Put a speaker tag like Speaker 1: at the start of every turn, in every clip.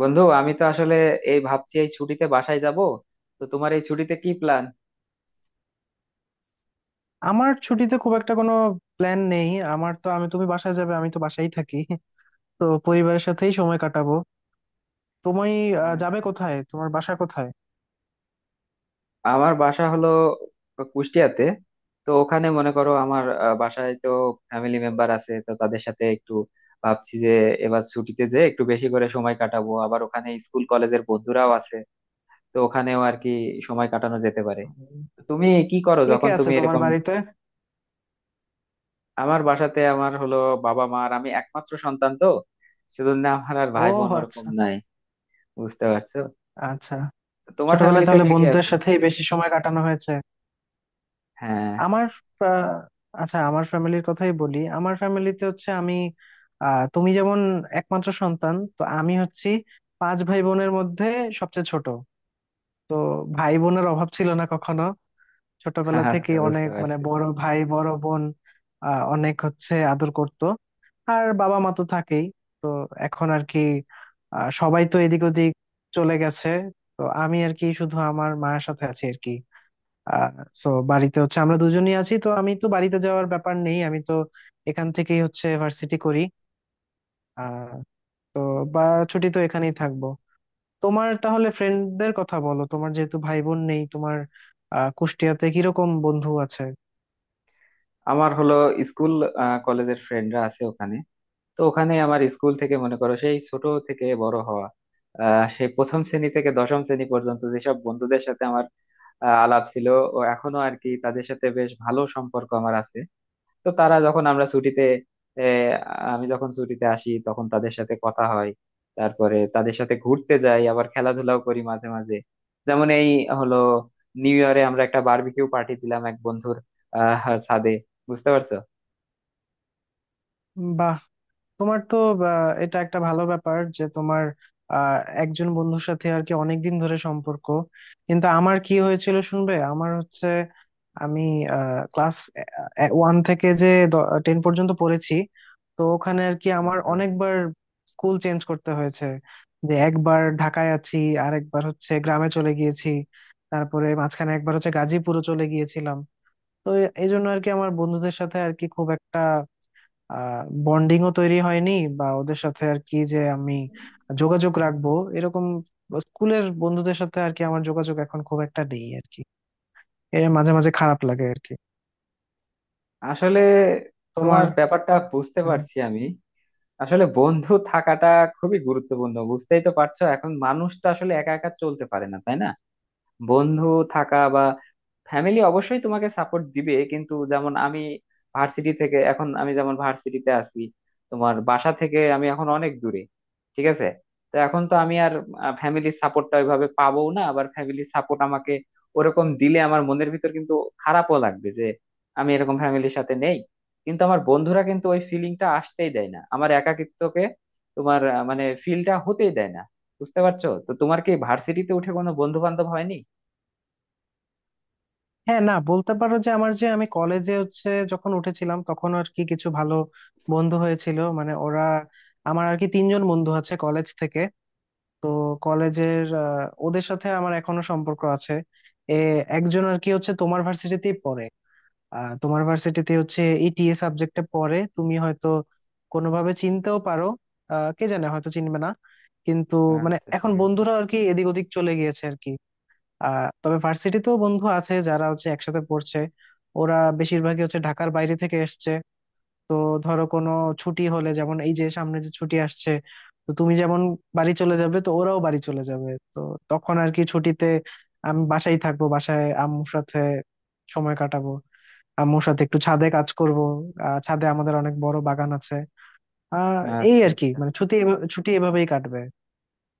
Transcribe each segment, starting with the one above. Speaker 1: বন্ধু, আমি তো আসলে এই ভাবছি এই ছুটিতে বাসায় যাব। তো তোমার এই ছুটিতে কি প্ল্যান?
Speaker 2: আমার ছুটিতে খুব একটা কোনো প্ল্যান নেই। আমার তো আমি তুমি বাসায় যাবে, আমি তো বাসায় থাকি। তো পরিবারের সাথেই সময় কাটাবো। তুমি? যাবে
Speaker 1: আচ্ছা,
Speaker 2: কোথায়? তোমার বাসা কোথায়?
Speaker 1: আমার বাসা হলো কুষ্টিয়াতে। তো ওখানে মনে করো আমার বাসায় তো ফ্যামিলি মেম্বার আছে, তো তাদের সাথে একটু ভাবছি যে এবার ছুটিতে যে একটু বেশি করে সময় কাটাবো। আবার ওখানে স্কুল কলেজের বন্ধুরাও আছে, তো ওখানেও আর কি সময় কাটানো যেতে পারে।
Speaker 2: উম,
Speaker 1: তো তুমি কি করো
Speaker 2: কে কে
Speaker 1: যখন
Speaker 2: আছে
Speaker 1: তুমি
Speaker 2: তোমার
Speaker 1: এরকম?
Speaker 2: বাড়িতে?
Speaker 1: আমার বাসাতে আমার হলো বাবা মা আর আমি, একমাত্র সন্তান। তো সেজন্য আমার আর
Speaker 2: ও
Speaker 1: ভাই বোন ওরকম
Speaker 2: আচ্ছা,
Speaker 1: নাই। বুঝতে পারছো?
Speaker 2: আচ্ছা।
Speaker 1: তোমার
Speaker 2: ছোটবেলায়
Speaker 1: ফ্যামিলিতে
Speaker 2: তাহলে
Speaker 1: কে কে
Speaker 2: বন্ধুদের
Speaker 1: আছে?
Speaker 2: সাথেই বেশি সময় কাটানো হয়েছে।
Speaker 1: হ্যাঁ।
Speaker 2: আমার আহ, আচ্ছা, আমার ফ্যামিলির কথাই বলি। আমার ফ্যামিলিতে হচ্ছে আমি, তুমি যেমন একমাত্র সন্তান, তো আমি হচ্ছি পাঁচ ভাই বোনের মধ্যে সবচেয়ে ছোট। তো ভাই বোনের অভাব ছিল না কখনো। ছোটবেলা থেকে
Speaker 1: আচ্ছা, বুঝতে
Speaker 2: অনেক, মানে
Speaker 1: পারছি।
Speaker 2: বড় ভাই বড় বোন অনেক হচ্ছে আদর করত। আর বাবা মা তো থাকেই। তো এখন আর কি সবাই তো এদিক ওদিক চলে গেছে। তো আমি আর কি শুধু আমার মায়ের সাথে আছি আর কি। আহ তো বাড়িতে হচ্ছে আমরা দুজনই আছি, তো আমি তো বাড়িতে যাওয়ার ব্যাপার নেই। আমি তো এখান থেকেই হচ্ছে ভার্সিটি করি। আহ তো বা ছুটি তো এখানেই থাকবো। তোমার তাহলে ফ্রেন্ডদের কথা বলো। তোমার যেহেতু ভাই বোন নেই, তোমার কুষ্টিয়াতে কিরকম বন্ধু আছে?
Speaker 1: আমার হলো স্কুল কলেজের ফ্রেন্ডরা আছে ওখানে। তো ওখানে আমার স্কুল থেকে মনে করো সেই ছোট থেকে বড় হওয়া, সেই প্রথম শ্রেণী থেকে দশম শ্রেণী পর্যন্ত যেসব বন্ধুদের সাথে আমার আলাপ ছিল, ও এখনো আর কি তাদের সাথে বেশ ভালো সম্পর্ক আমার আছে। তো তারা যখন আমরা ছুটিতে, এ, আমি যখন ছুটিতে আসি, তখন তাদের সাথে কথা হয়। তারপরে তাদের সাথে ঘুরতে যাই, আবার খেলাধুলাও করি মাঝে মাঝে। যেমন এই হলো নিউ ইয়ারে আমরা একটা বারবিকিউ পার্টি দিলাম এক বন্ধুর ছাদে। বুঝতে পারছো?
Speaker 2: বাহ! তোমার তো এটা একটা ভালো ব্যাপার যে তোমার আহ, একজন বন্ধুর সাথে আর কি অনেকদিন ধরে সম্পর্ক। কিন্তু আমার কি হয়েছিল শুনবে? আমার হচ্ছে আমি ক্লাস ওয়ান থেকে যে টেন পর্যন্ত পড়েছি। তো ওখানে আর কি আমার
Speaker 1: বুঝতে পারছি
Speaker 2: অনেকবার স্কুল চেঞ্জ করতে হয়েছে। যে একবার ঢাকায় আছি, আর একবার হচ্ছে গ্রামে চলে গিয়েছি, তারপরে মাঝখানে একবার হচ্ছে গাজীপুরও চলে গিয়েছিলাম। তো এই জন্য আর কি আমার বন্ধুদের সাথে আর কি খুব একটা বন্ডিংও তৈরি হয়নি। বা ওদের সাথে আর কি যে আমি যোগাযোগ রাখবো এরকম। স্কুলের বন্ধুদের সাথে আর কি আমার যোগাযোগ এখন খুব একটা নেই আর কি। এর মাঝে মাঝে খারাপ লাগে আর কি।
Speaker 1: আসলে, তোমার
Speaker 2: তোমার?
Speaker 1: ব্যাপারটা বুঝতে
Speaker 2: হ্যাঁ।
Speaker 1: পারছি আমি। আসলে বন্ধু থাকাটা খুবই গুরুত্বপূর্ণ, বুঝতেই তো পারছো। এখন মানুষ তো আসলে একা একা চলতে পারে না, তাই না? বন্ধু থাকা বা ফ্যামিলি অবশ্যই তোমাকে সাপোর্ট দিবে, কিন্তু যেমন আমি ভার্সিটি থেকে এখন, আমি যেমন ভার্সিটিতে আছি, তোমার বাসা থেকে আমি এখন অনেক দূরে, ঠিক আছে? তো এখন তো আমি আর ফ্যামিলির সাপোর্টটা ওইভাবে পাবো না। আবার ফ্যামিলির সাপোর্ট আমাকে ওরকম দিলে আমার মনের ভিতর কিন্তু খারাপও লাগবে, যে আমি এরকম ফ্যামিলির সাথে নেই। কিন্তু আমার বন্ধুরা কিন্তু ওই ফিলিংটা আসতেই দেয় না, আমার একাকিত্বকে, তোমার মানে ফিলটা হতেই দেয় না। বুঝতে পারছো? তো তোমার কি ভার্সিটিতে উঠে কোনো বন্ধু বান্ধব হয়নি?
Speaker 2: হ্যাঁ, না, বলতে পারো যে আমার, যে আমি কলেজে হচ্ছে যখন উঠেছিলাম তখন আর কি কিছু ভালো বন্ধু হয়েছিল, মানে ওরা, আমার আর কি তিনজন বন্ধু আছে কলেজ থেকে। তো কলেজের ওদের সাথে আমার এখনো সম্পর্ক আছে। এ, একজন আর কি হচ্ছে তোমার ভার্সিটিতেই পড়ে। তোমার ভার্সিটিতে হচ্ছে ইটিএ সাবজেক্টে পড়ে, তুমি হয়তো কোনোভাবে চিনতেও পারো। কে জানে, হয়তো চিনবে না কিন্তু। মানে
Speaker 1: আচ্ছা,
Speaker 2: এখন
Speaker 1: ঠিক আছে।
Speaker 2: বন্ধুরা আর কি এদিক ওদিক চলে গিয়েছে আর কি। তবে ভার্সিটিতেও বন্ধু আছে যারা হচ্ছে একসাথে পড়ছে। ওরা বেশিরভাগই হচ্ছে ঢাকার বাইরে থেকে এসছে। তো ধরো কোনো ছুটি হলে, যেমন এই যে সামনে যে ছুটি আসছে, তো তুমি যেমন বাড়ি চলে যাবে, তো ওরাও বাড়ি চলে যাবে। তো তখন আর কি ছুটিতে আমি বাসায় থাকবো, বাসায় আম্মুর সাথে সময় কাটাবো। আম্মুর সাথে একটু ছাদে কাজ করব। ছাদে আমাদের অনেক বড় বাগান আছে। আহ এই
Speaker 1: আচ্ছা
Speaker 2: আর কি
Speaker 1: আচ্ছা।
Speaker 2: মানে ছুটি এভাবেই কাটবে।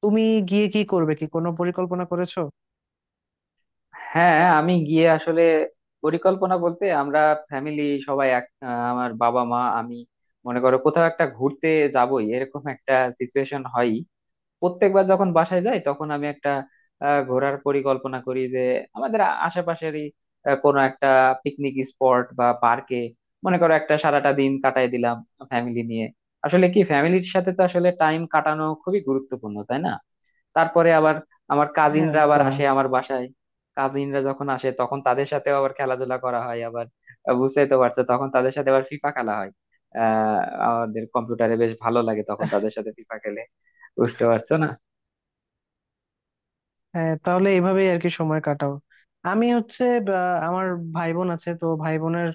Speaker 2: তুমি গিয়ে কি করবে, কি কোনো পরিকল্পনা করেছো?
Speaker 1: হ্যাঁ, আমি গিয়ে আসলে পরিকল্পনা বলতে, আমরা ফ্যামিলি সবাই এক, আমার বাবা মা আমি মনে করো কোথাও একটা ঘুরতে যাবই, এরকম একটা সিচুয়েশন হয়। প্রত্যেকবার যখন বাসায় যাই তখন আমি একটা ঘোরার পরিকল্পনা করি, যে আমাদের আশেপাশেরই কোনো একটা পিকনিক স্পট বা পার্কে মনে করো একটা সারাটা দিন কাটায় দিলাম ফ্যামিলি নিয়ে। আসলে কি, ফ্যামিলির সাথে তো আসলে টাইম কাটানো খুবই গুরুত্বপূর্ণ, তাই না? তারপরে আবার আমার
Speaker 2: হ্যাঁ,
Speaker 1: কাজিনরা আবার
Speaker 2: একদম।
Speaker 1: আসে আমার বাসায়। কাজিনরা যখন আসে তখন তাদের সাথেও আবার খেলাধুলা করা হয়। আবার বুঝতেই তো পারছো তখন তাদের সাথে আবার ফিফা খেলা হয়। আহ আমাদের কম্পিউটারে বেশ ভালো লাগে তখন তাদের সাথে ফিফা খেলে। বুঝতে পারছো না?
Speaker 2: হ্যাঁ, তাহলে এভাবেই আর কি সময় কাটাও। আমি হচ্ছে বা, আমার ভাই বোন আছে, তো ভাই বোনের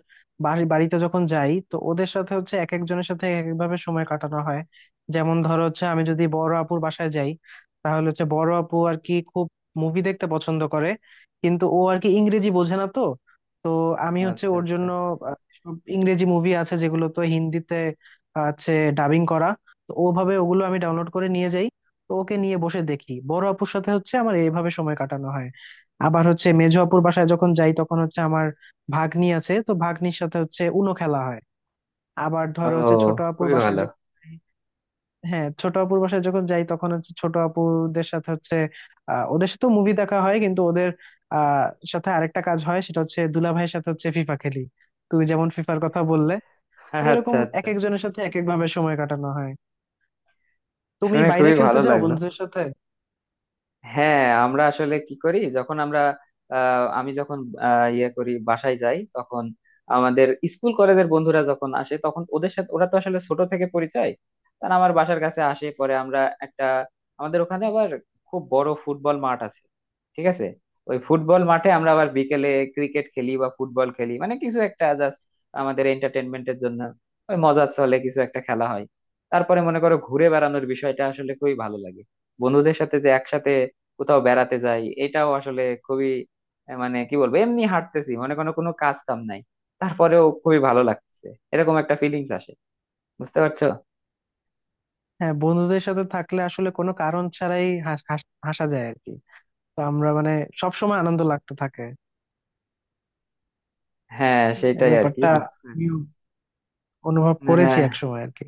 Speaker 2: বাড়িতে যখন যাই তো ওদের সাথে হচ্ছে এক একজনের সাথে এক একভাবে সময় কাটানো হয়। যেমন ধরো হচ্ছে আমি যদি বড় আপুর বাসায় যাই, তাহলে হচ্ছে বড় আপু আর কি খুব মুভি দেখতে পছন্দ করে, কিন্তু ও আর কি ইংরেজি বোঝে না তো। তো আমি হচ্ছে
Speaker 1: আচ্ছা
Speaker 2: ওর
Speaker 1: আচ্ছা।
Speaker 2: জন্য সব ইংরেজি মুভি আছে যেগুলো তো হিন্দিতে আছে ডাবিং করা। তো ওভাবে ওগুলো আমি ডাউনলোড করে নিয়ে যাই। তো ওকে নিয়ে বসে দেখি, বড় আপুর সাথে হচ্ছে আমার এইভাবে সময় কাটানো হয়। আবার হচ্ছে মেজো আপুর বাসায় যখন যাই তখন হচ্ছে আমার ভাগ্নি আছে, তো ভাগ্নির সাথে হচ্ছে উনো খেলা হয়। আবার
Speaker 1: ও,
Speaker 2: ধরো হচ্ছে ছোট আপুর
Speaker 1: খুবই
Speaker 2: বাসায়
Speaker 1: ভালো।
Speaker 2: যখন যাই- হ্যাঁ, ছোট আপুর বাসায় যখন যাই তখন হচ্ছে ছোট আপুদের সাথে হচ্ছে ওদের সাথে মুভি দেখা হয়, কিন্তু ওদের আহ সাথে আরেকটা কাজ হয়, সেটা হচ্ছে দুলাভাইয়ের সাথে হচ্ছে ফিফা খেলি। তুমি যেমন ফিফার কথা বললে। তো
Speaker 1: আচ্ছা
Speaker 2: এরকম এক
Speaker 1: আচ্ছা,
Speaker 2: একজনের সাথে এক এক ভাবে সময় কাটানো হয়। তুমি
Speaker 1: শুনে
Speaker 2: বাইরে
Speaker 1: খুবই
Speaker 2: খেলতে
Speaker 1: ভালো
Speaker 2: যাও
Speaker 1: লাগলো।
Speaker 2: বন্ধুদের সাথে?
Speaker 1: হ্যাঁ, আমরা আসলে কি করি যখন আমরা, আমি যখন ইয়ে করি, বাসায় যাই তখন আমাদের স্কুল কলেজের বন্ধুরা যখন আসে তখন ওদের সাথে, ওরা তো আসলে ছোট থেকে পরিচয়, তারা আমার বাসার কাছে আসে, পরে আমরা একটা, আমাদের ওখানে আবার খুব বড় ফুটবল মাঠ আছে, ঠিক আছে? ওই ফুটবল মাঠে আমরা আবার বিকেলে ক্রিকেট খেলি বা ফুটবল খেলি, মানে কিছু একটা জাস্ট আমাদের এন্টারটেনমেন্টের জন্য, ওই মজার চলে কিছু একটা খেলা হয়। তারপরে মনে করো ঘুরে বেড়ানোর বিষয়টা আসলে খুবই ভালো লাগে। বন্ধুদের সাথে যে একসাথে কোথাও বেড়াতে যাই, এটাও আসলে খুবই, মানে কি বলবো, এমনি হাঁটতেছি, মনে কোনো কোনো কাজ কাম নাই, তারপরেও খুবই ভালো লাগছে, এরকম একটা ফিলিংস আসে। বুঝতে পারছো?
Speaker 2: হ্যাঁ, বন্ধুদের সাথে থাকলে আসলে কোনো কারণ ছাড়াই হাসা যায় আর কি। তো আমরা মানে সব সময় আনন্দ লাগতে থাকে।
Speaker 1: হ্যাঁ
Speaker 2: এই
Speaker 1: সেটাই আর কি,
Speaker 2: ব্যাপারটা
Speaker 1: বুঝতে পারছি।
Speaker 2: আমিও অনুভব করেছি
Speaker 1: হ্যাঁ,
Speaker 2: এক সময় আর কি।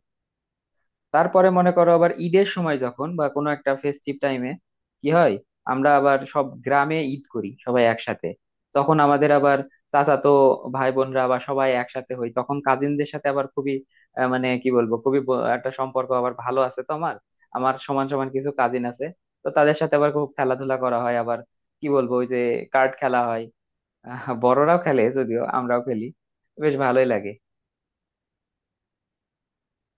Speaker 1: তারপরে মনে করো আবার ঈদের সময় যখন বা কোনো একটা ফেস্টিভ টাইমে কি হয়, আমরা আবার সব গ্রামে ঈদ করি সবাই একসাথে। তখন আমাদের আবার চাচাতো ভাই বোনরা বা সবাই একসাথে হই, তখন কাজিনদের সাথে আবার খুবই মানে কি বলবো, খুবই একটা সম্পর্ক আবার ভালো আছে তো আমার। আমার সমান সমান কিছু কাজিন আছে, তো তাদের সাথে আবার খুব খেলাধুলা করা হয়। আবার কি বলবো, ওই যে কার্ড খেলা হয়, বড়রাও খেলে যদিও, আমরাও খেলি। বেশ ভালোই লাগে।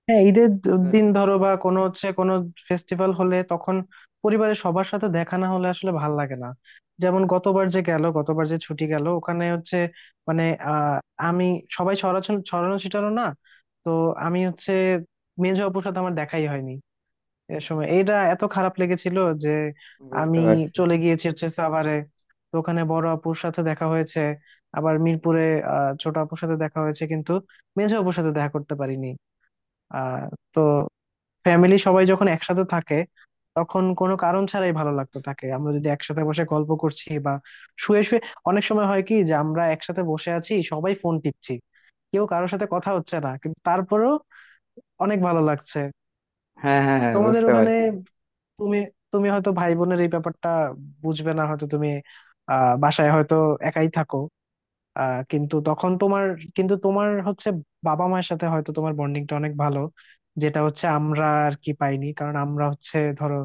Speaker 2: হ্যাঁ,
Speaker 1: বুঝতে
Speaker 2: দিন
Speaker 1: পারছো?
Speaker 2: ধরো বা কোনো হচ্ছে কোনো ফেস্টিভ্যাল হলে, তখন পরিবারের সবার সাথে দেখা না হলে আসলে ভাল লাগে না। যেমন গতবার যে গেল, গতবার যে ছুটি গেল, ওখানে হচ্ছে মানে আহ আমি, সবাই ছড়াছড়ি, ছড়ানো ছিটানো না। তো আমি হচ্ছে মেজো আপুর সাথে আমার দেখাই হয়নি। এ সময় এইটা এত খারাপ লেগেছিল যে
Speaker 1: বুঝতে
Speaker 2: আমি
Speaker 1: পারছি।
Speaker 2: চলে গিয়েছি হচ্ছে সাভারে। তো ওখানে বড় আপুর সাথে দেখা হয়েছে, আবার মিরপুরে ছোট আপুর সাথে দেখা হয়েছে, কিন্তু মেঝো আপুর সাথে দেখা করতে পারিনি। আহ তো ফ্যামিলি সবাই যখন একসাথে থাকে, তখন কোনো কারণ ছাড়াই ভালো লাগতে থাকে। আমরা যদি একসাথে বসে গল্প করছি বা শুয়ে শুয়ে, অনেক সময় হয় কি যে আমরা একসাথে বসে আছি, সবাই ফোন টিপছি, কেউ কারোর সাথে কথা হচ্ছে না, কিন্তু তারপরেও অনেক ভালো লাগছে।
Speaker 1: হ্যাঁ হ্যাঁ হ্যাঁ,
Speaker 2: তোমাদের
Speaker 1: বুঝতে
Speaker 2: ওখানে
Speaker 1: পারছি।
Speaker 2: তুমি, তুমি হয়তো ভাই বোনের এই ব্যাপারটা বুঝবে না হয়তো। তুমি বাসায় হয়তো একাই থাকো। কিন্তু তখন তোমার, কিন্তু তোমার হচ্ছে বাবা মায়ের সাথে হয়তো তোমার বন্ডিংটা অনেক ভালো। যেটা হচ্ছে আমরা আর কি পাইনি, কারণ আমরা হচ্ছে ধরো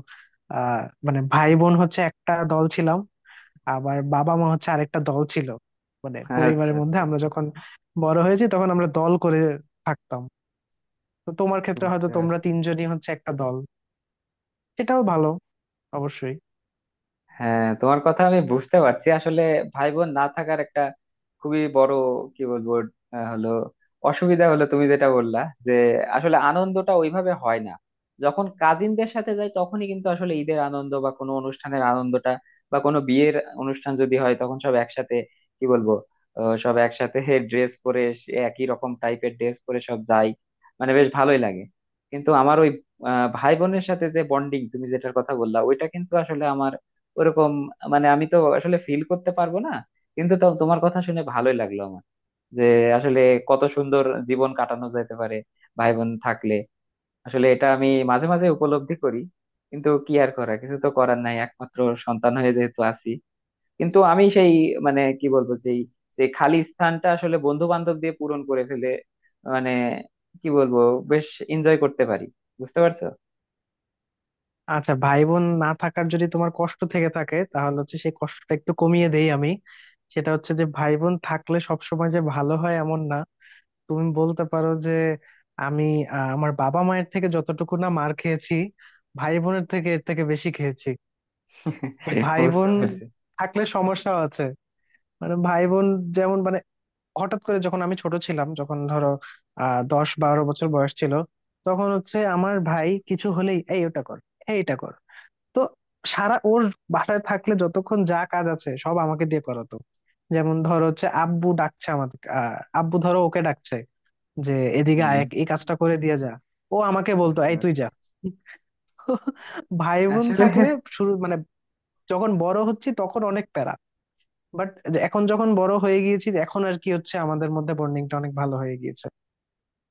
Speaker 2: আহ মানে ভাই বোন হচ্ছে একটা দল ছিলাম, আবার বাবা মা হচ্ছে আরেকটা দল ছিল। মানে
Speaker 1: আচ্ছা
Speaker 2: পরিবারের মধ্যে
Speaker 1: আচ্ছা,
Speaker 2: আমরা যখন বড় হয়েছি তখন আমরা দল করে থাকতাম। তো তোমার ক্ষেত্রে হয়তো
Speaker 1: বুঝতে
Speaker 2: তোমরা
Speaker 1: পারছি।
Speaker 2: তিনজনই হচ্ছে একটা দল। সেটাও ভালো, অবশ্যই।
Speaker 1: হ্যাঁ, তোমার কথা আমি বুঝতে পারছি। আসলে ভাই বোন না থাকার একটা খুবই বড়, কি বলবো, হলো অসুবিধা হলো তুমি যেটা বললা, যে আসলে আনন্দটা ওইভাবে হয় না। যখন কাজিনদের সাথে যাই তখনই কিন্তু আসলে ঈদের আনন্দ বা কোনো অনুষ্ঠানের আনন্দটা, বা কোনো বিয়ের অনুষ্ঠান যদি হয়, তখন সব একসাথে, কি বলবো, সব একসাথে ড্রেস পরে, সে একই রকম টাইপের ড্রেস পরে সব যাই, মানে বেশ ভালোই লাগে। কিন্তু আমার ওই ভাই বোনের সাথে যে বন্ডিং তুমি যেটার কথা বললা, ওইটা কিন্তু আসলে আমার ওরকম, মানে আমি তো আসলে ফিল করতে পারবো না। কিন্তু তাও তোমার কথা শুনে ভালোই লাগলো আমার, যে আসলে কত সুন্দর জীবন কাটানো যেতে পারে ভাই বোন থাকলে। আসলে এটা আমি মাঝে মাঝে উপলব্ধি করি, কিন্তু কি আর করা, কিছু তো করার নাই, একমাত্র সন্তান হয়ে যেহেতু আছি। কিন্তু আমি সেই, মানে কি বলবো, সেই সেই খালি স্থানটা আসলে বন্ধু বান্ধব দিয়ে পূরণ করে ফেলে, মানে কি বলবো, বেশ এনজয় করতে পারি। বুঝতে পারছো?
Speaker 2: আচ্ছা, ভাই বোন না থাকার যদি তোমার কষ্ট থেকে থাকে, তাহলে হচ্ছে সেই কষ্টটা একটু কমিয়ে দেই আমি। সেটা হচ্ছে যে ভাই বোন থাকলে সবসময় যে ভালো হয় এমন না। তুমি বলতে পারো যে আমি আমার বাবা মায়ের থেকে যতটুকু না মার খেয়েছি, ভাই বোনের থেকে এর থেকে বেশি খেয়েছি। তো ভাই
Speaker 1: বুঝতে
Speaker 2: বোন
Speaker 1: পারছি।
Speaker 2: থাকলে সমস্যাও আছে। মানে ভাই বোন যেমন, মানে হঠাৎ করে যখন আমি ছোট ছিলাম, যখন ধরো 10-12 বছর বয়স ছিল, তখন হচ্ছে আমার ভাই কিছু হলেই এই ওটা কর, এইটা কর। তো সারা, ওর বাসায় থাকলে যতক্ষণ যা কাজ আছে সব আমাকে দিয়ে করাতো। যেমন ধরো হচ্ছে আব্বু ডাকছে আমাদের, আব্বু ধরো ওকে ডাকছে যে এদিকে আয়,
Speaker 1: হম,
Speaker 2: এই কাজটা করে দিয়ে যা। ও আমাকে বলতো
Speaker 1: বুঝতে
Speaker 2: এই তুই
Speaker 1: পারছি
Speaker 2: যা। ভাই বোন
Speaker 1: আসলে।
Speaker 2: থাকলে শুরু, মানে যখন বড় হচ্ছি তখন অনেক প্যারা। বাট এখন যখন বড় হয়ে গিয়েছি, এখন আর কি হচ্ছে আমাদের মধ্যে বন্ডিংটা অনেক ভালো হয়ে গিয়েছে।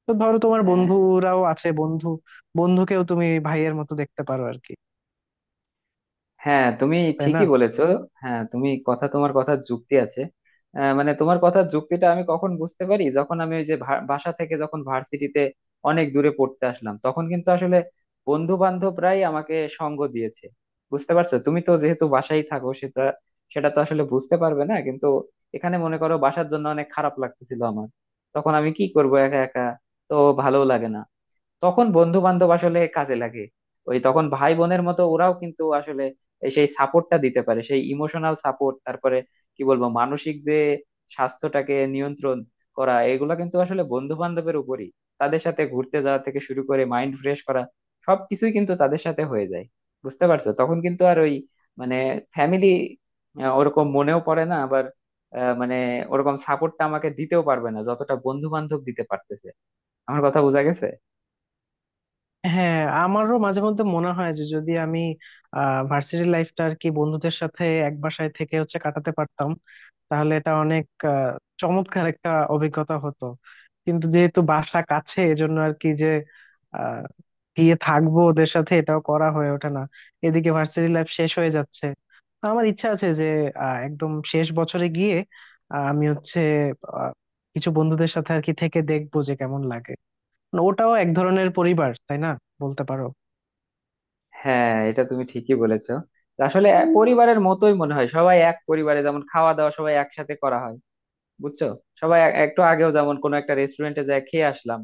Speaker 2: তো ধরো তোমার
Speaker 1: হ্যাঁ,
Speaker 2: বন্ধুরাও আছে, বন্ধুকেও তুমি ভাইয়ের মতো দেখতে পারো আর কি।
Speaker 1: হ্যাঁ তুমি
Speaker 2: তাই না?
Speaker 1: ঠিকই বলেছো। হ্যাঁ তুমি কথা, তোমার কথা যুক্তি আছে। মানে তোমার কথা যুক্তিটা আমি কখন বুঝতে পারি, যখন আমি ওই যে বাসা থেকে যখন ভার্সিটিতে অনেক দূরে পড়তে আসলাম, তখন কিন্তু আসলে বন্ধু বান্ধবরাই আমাকে সঙ্গ দিয়েছে। বুঝতে পারছো, তুমি তো যেহেতু বাসায় থাকো সেটা, সেটা তো আসলে বুঝতে পারবে না। কিন্তু এখানে মনে করো বাসার জন্য অনেক খারাপ লাগতেছিল আমার, তখন আমি কি করব একা একা, তো ভালো লাগে না। তখন বন্ধু বান্ধব আসলে কাজে লাগে। ওই তখন ভাই বোনের মতো ওরাও কিন্তু আসলে এই সেই সাপোর্টটা দিতে পারে, সেই ইমোশনাল সাপোর্ট। তারপরে কি বলবো, মানসিক যে স্বাস্থ্যটাকে নিয়ন্ত্রণ করা, এগুলো কিন্তু আসলে বন্ধু বান্ধবের উপরই। তাদের সাথে ঘুরতে যাওয়া থেকে শুরু করে মাইন্ড ফ্রেশ করা, সবকিছুই কিন্তু তাদের সাথে হয়ে যায়। বুঝতে পারছো, তখন কিন্তু আর ওই মানে ফ্যামিলি ওরকম মনেও পড়ে না। আবার মানে ওরকম সাপোর্টটা আমাকে দিতেও পারবে না যতটা বন্ধু বান্ধব দিতে পারতেছে। আমার কথা বোঝা গেছে?
Speaker 2: হ্যাঁ, আমারও মাঝে মধ্যে মনে হয় যে যদি আমি ভার্সিটি লাইফটা আর কি বন্ধুদের সাথে এক বাসায় থেকে হচ্ছে কাটাতে পারতাম, তাহলে এটা অনেক আহ, চমৎকার একটা অভিজ্ঞতা হতো। কিন্তু যেহেতু বাসা কাছে, এজন্য আর কি যে আহ, গিয়ে থাকবো ওদের সাথে, এটাও করা হয়ে ওঠে না। এদিকে ভার্সিটি লাইফ শেষ হয়ে যাচ্ছে। তো আমার ইচ্ছা আছে যে একদম শেষ বছরে গিয়ে আহ, আমি হচ্ছে আহ, কিছু বন্ধুদের সাথে আর কি থেকে দেখবো যে কেমন লাগে। মানে ওটাও এক ধরনের পরিবার, তাই না? বলতে পারো।
Speaker 1: হ্যাঁ এটা তুমি ঠিকই বলেছো। আসলে এক পরিবারের মতোই মনে হয়, সবাই এক পরিবারে যেমন খাওয়া দাওয়া সবাই একসাথে করা হয়। বুঝছো, সবাই একটু আগেও যেমন কোনো একটা রেস্টুরেন্টে যায় খেয়ে আসলাম।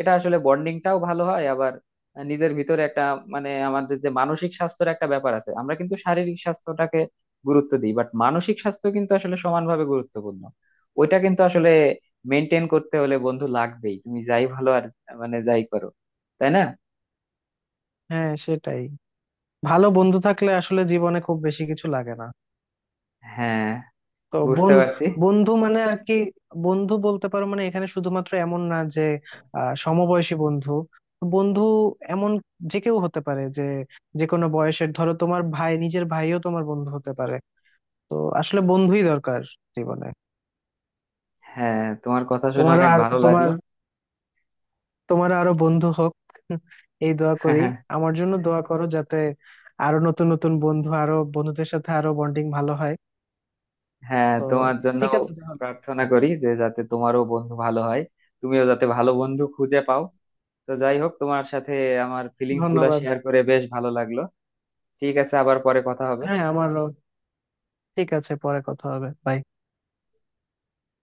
Speaker 1: এটা আসলে বন্ডিংটাও ভালো হয়। আবার নিজের ভিতরে একটা, মানে আমাদের যে মানসিক স্বাস্থ্যের একটা ব্যাপার আছে, আমরা কিন্তু শারীরিক স্বাস্থ্যটাকে গুরুত্ব দিই, বাট মানসিক স্বাস্থ্য কিন্তু আসলে সমানভাবে গুরুত্বপূর্ণ। ওইটা কিন্তু আসলে মেনটেন করতে হলে বন্ধু লাগবেই, তুমি যাই ভালো আর মানে যাই করো, তাই না?
Speaker 2: হ্যাঁ, সেটাই। ভালো বন্ধু থাকলে আসলে জীবনে খুব বেশি কিছু লাগে না।
Speaker 1: হ্যাঁ,
Speaker 2: তো
Speaker 1: বুঝতে
Speaker 2: বোন,
Speaker 1: পারছি।
Speaker 2: বন্ধু মানে আর কি, বন্ধু বলতে পারো মানে এখানে শুধুমাত্র এমন না যে সমবয়সী বন্ধু। বন্ধু এমন যে কেউ হতে পারে, যে যে কোনো বয়সের, ধরো তোমার ভাই, নিজের ভাইও তোমার বন্ধু হতে পারে। তো আসলে বন্ধুই দরকার জীবনে।
Speaker 1: হ্যাঁ, তোমার কথা শুনে
Speaker 2: তোমার
Speaker 1: অনেক
Speaker 2: আর
Speaker 1: ভালো
Speaker 2: তোমার,
Speaker 1: লাগলো।
Speaker 2: তোমার আরো বন্ধু হোক, এই দোয়া করি। আমার জন্য দোয়া করো যাতে আরো নতুন নতুন বন্ধু, আরো বন্ধুদের সাথে আরো বন্ডিং ভালো হয়।
Speaker 1: হ্যাঁ,
Speaker 2: তো
Speaker 1: তোমার জন্য
Speaker 2: ঠিক আছে তাহলে,
Speaker 1: প্রার্থনা করি যে যাতে তোমারও বন্ধু ভালো হয়, তুমিও যাতে ভালো বন্ধু খুঁজে পাও। তো যাই হোক, তোমার সাথে আমার ফিলিংস গুলা
Speaker 2: ধন্যবাদ।
Speaker 1: শেয়ার করে বেশ ভালো লাগলো। ঠিক আছে, আবার পরে কথা হবে।
Speaker 2: হ্যাঁ, আমারও। ঠিক আছে, পরে কথা হবে। Bye.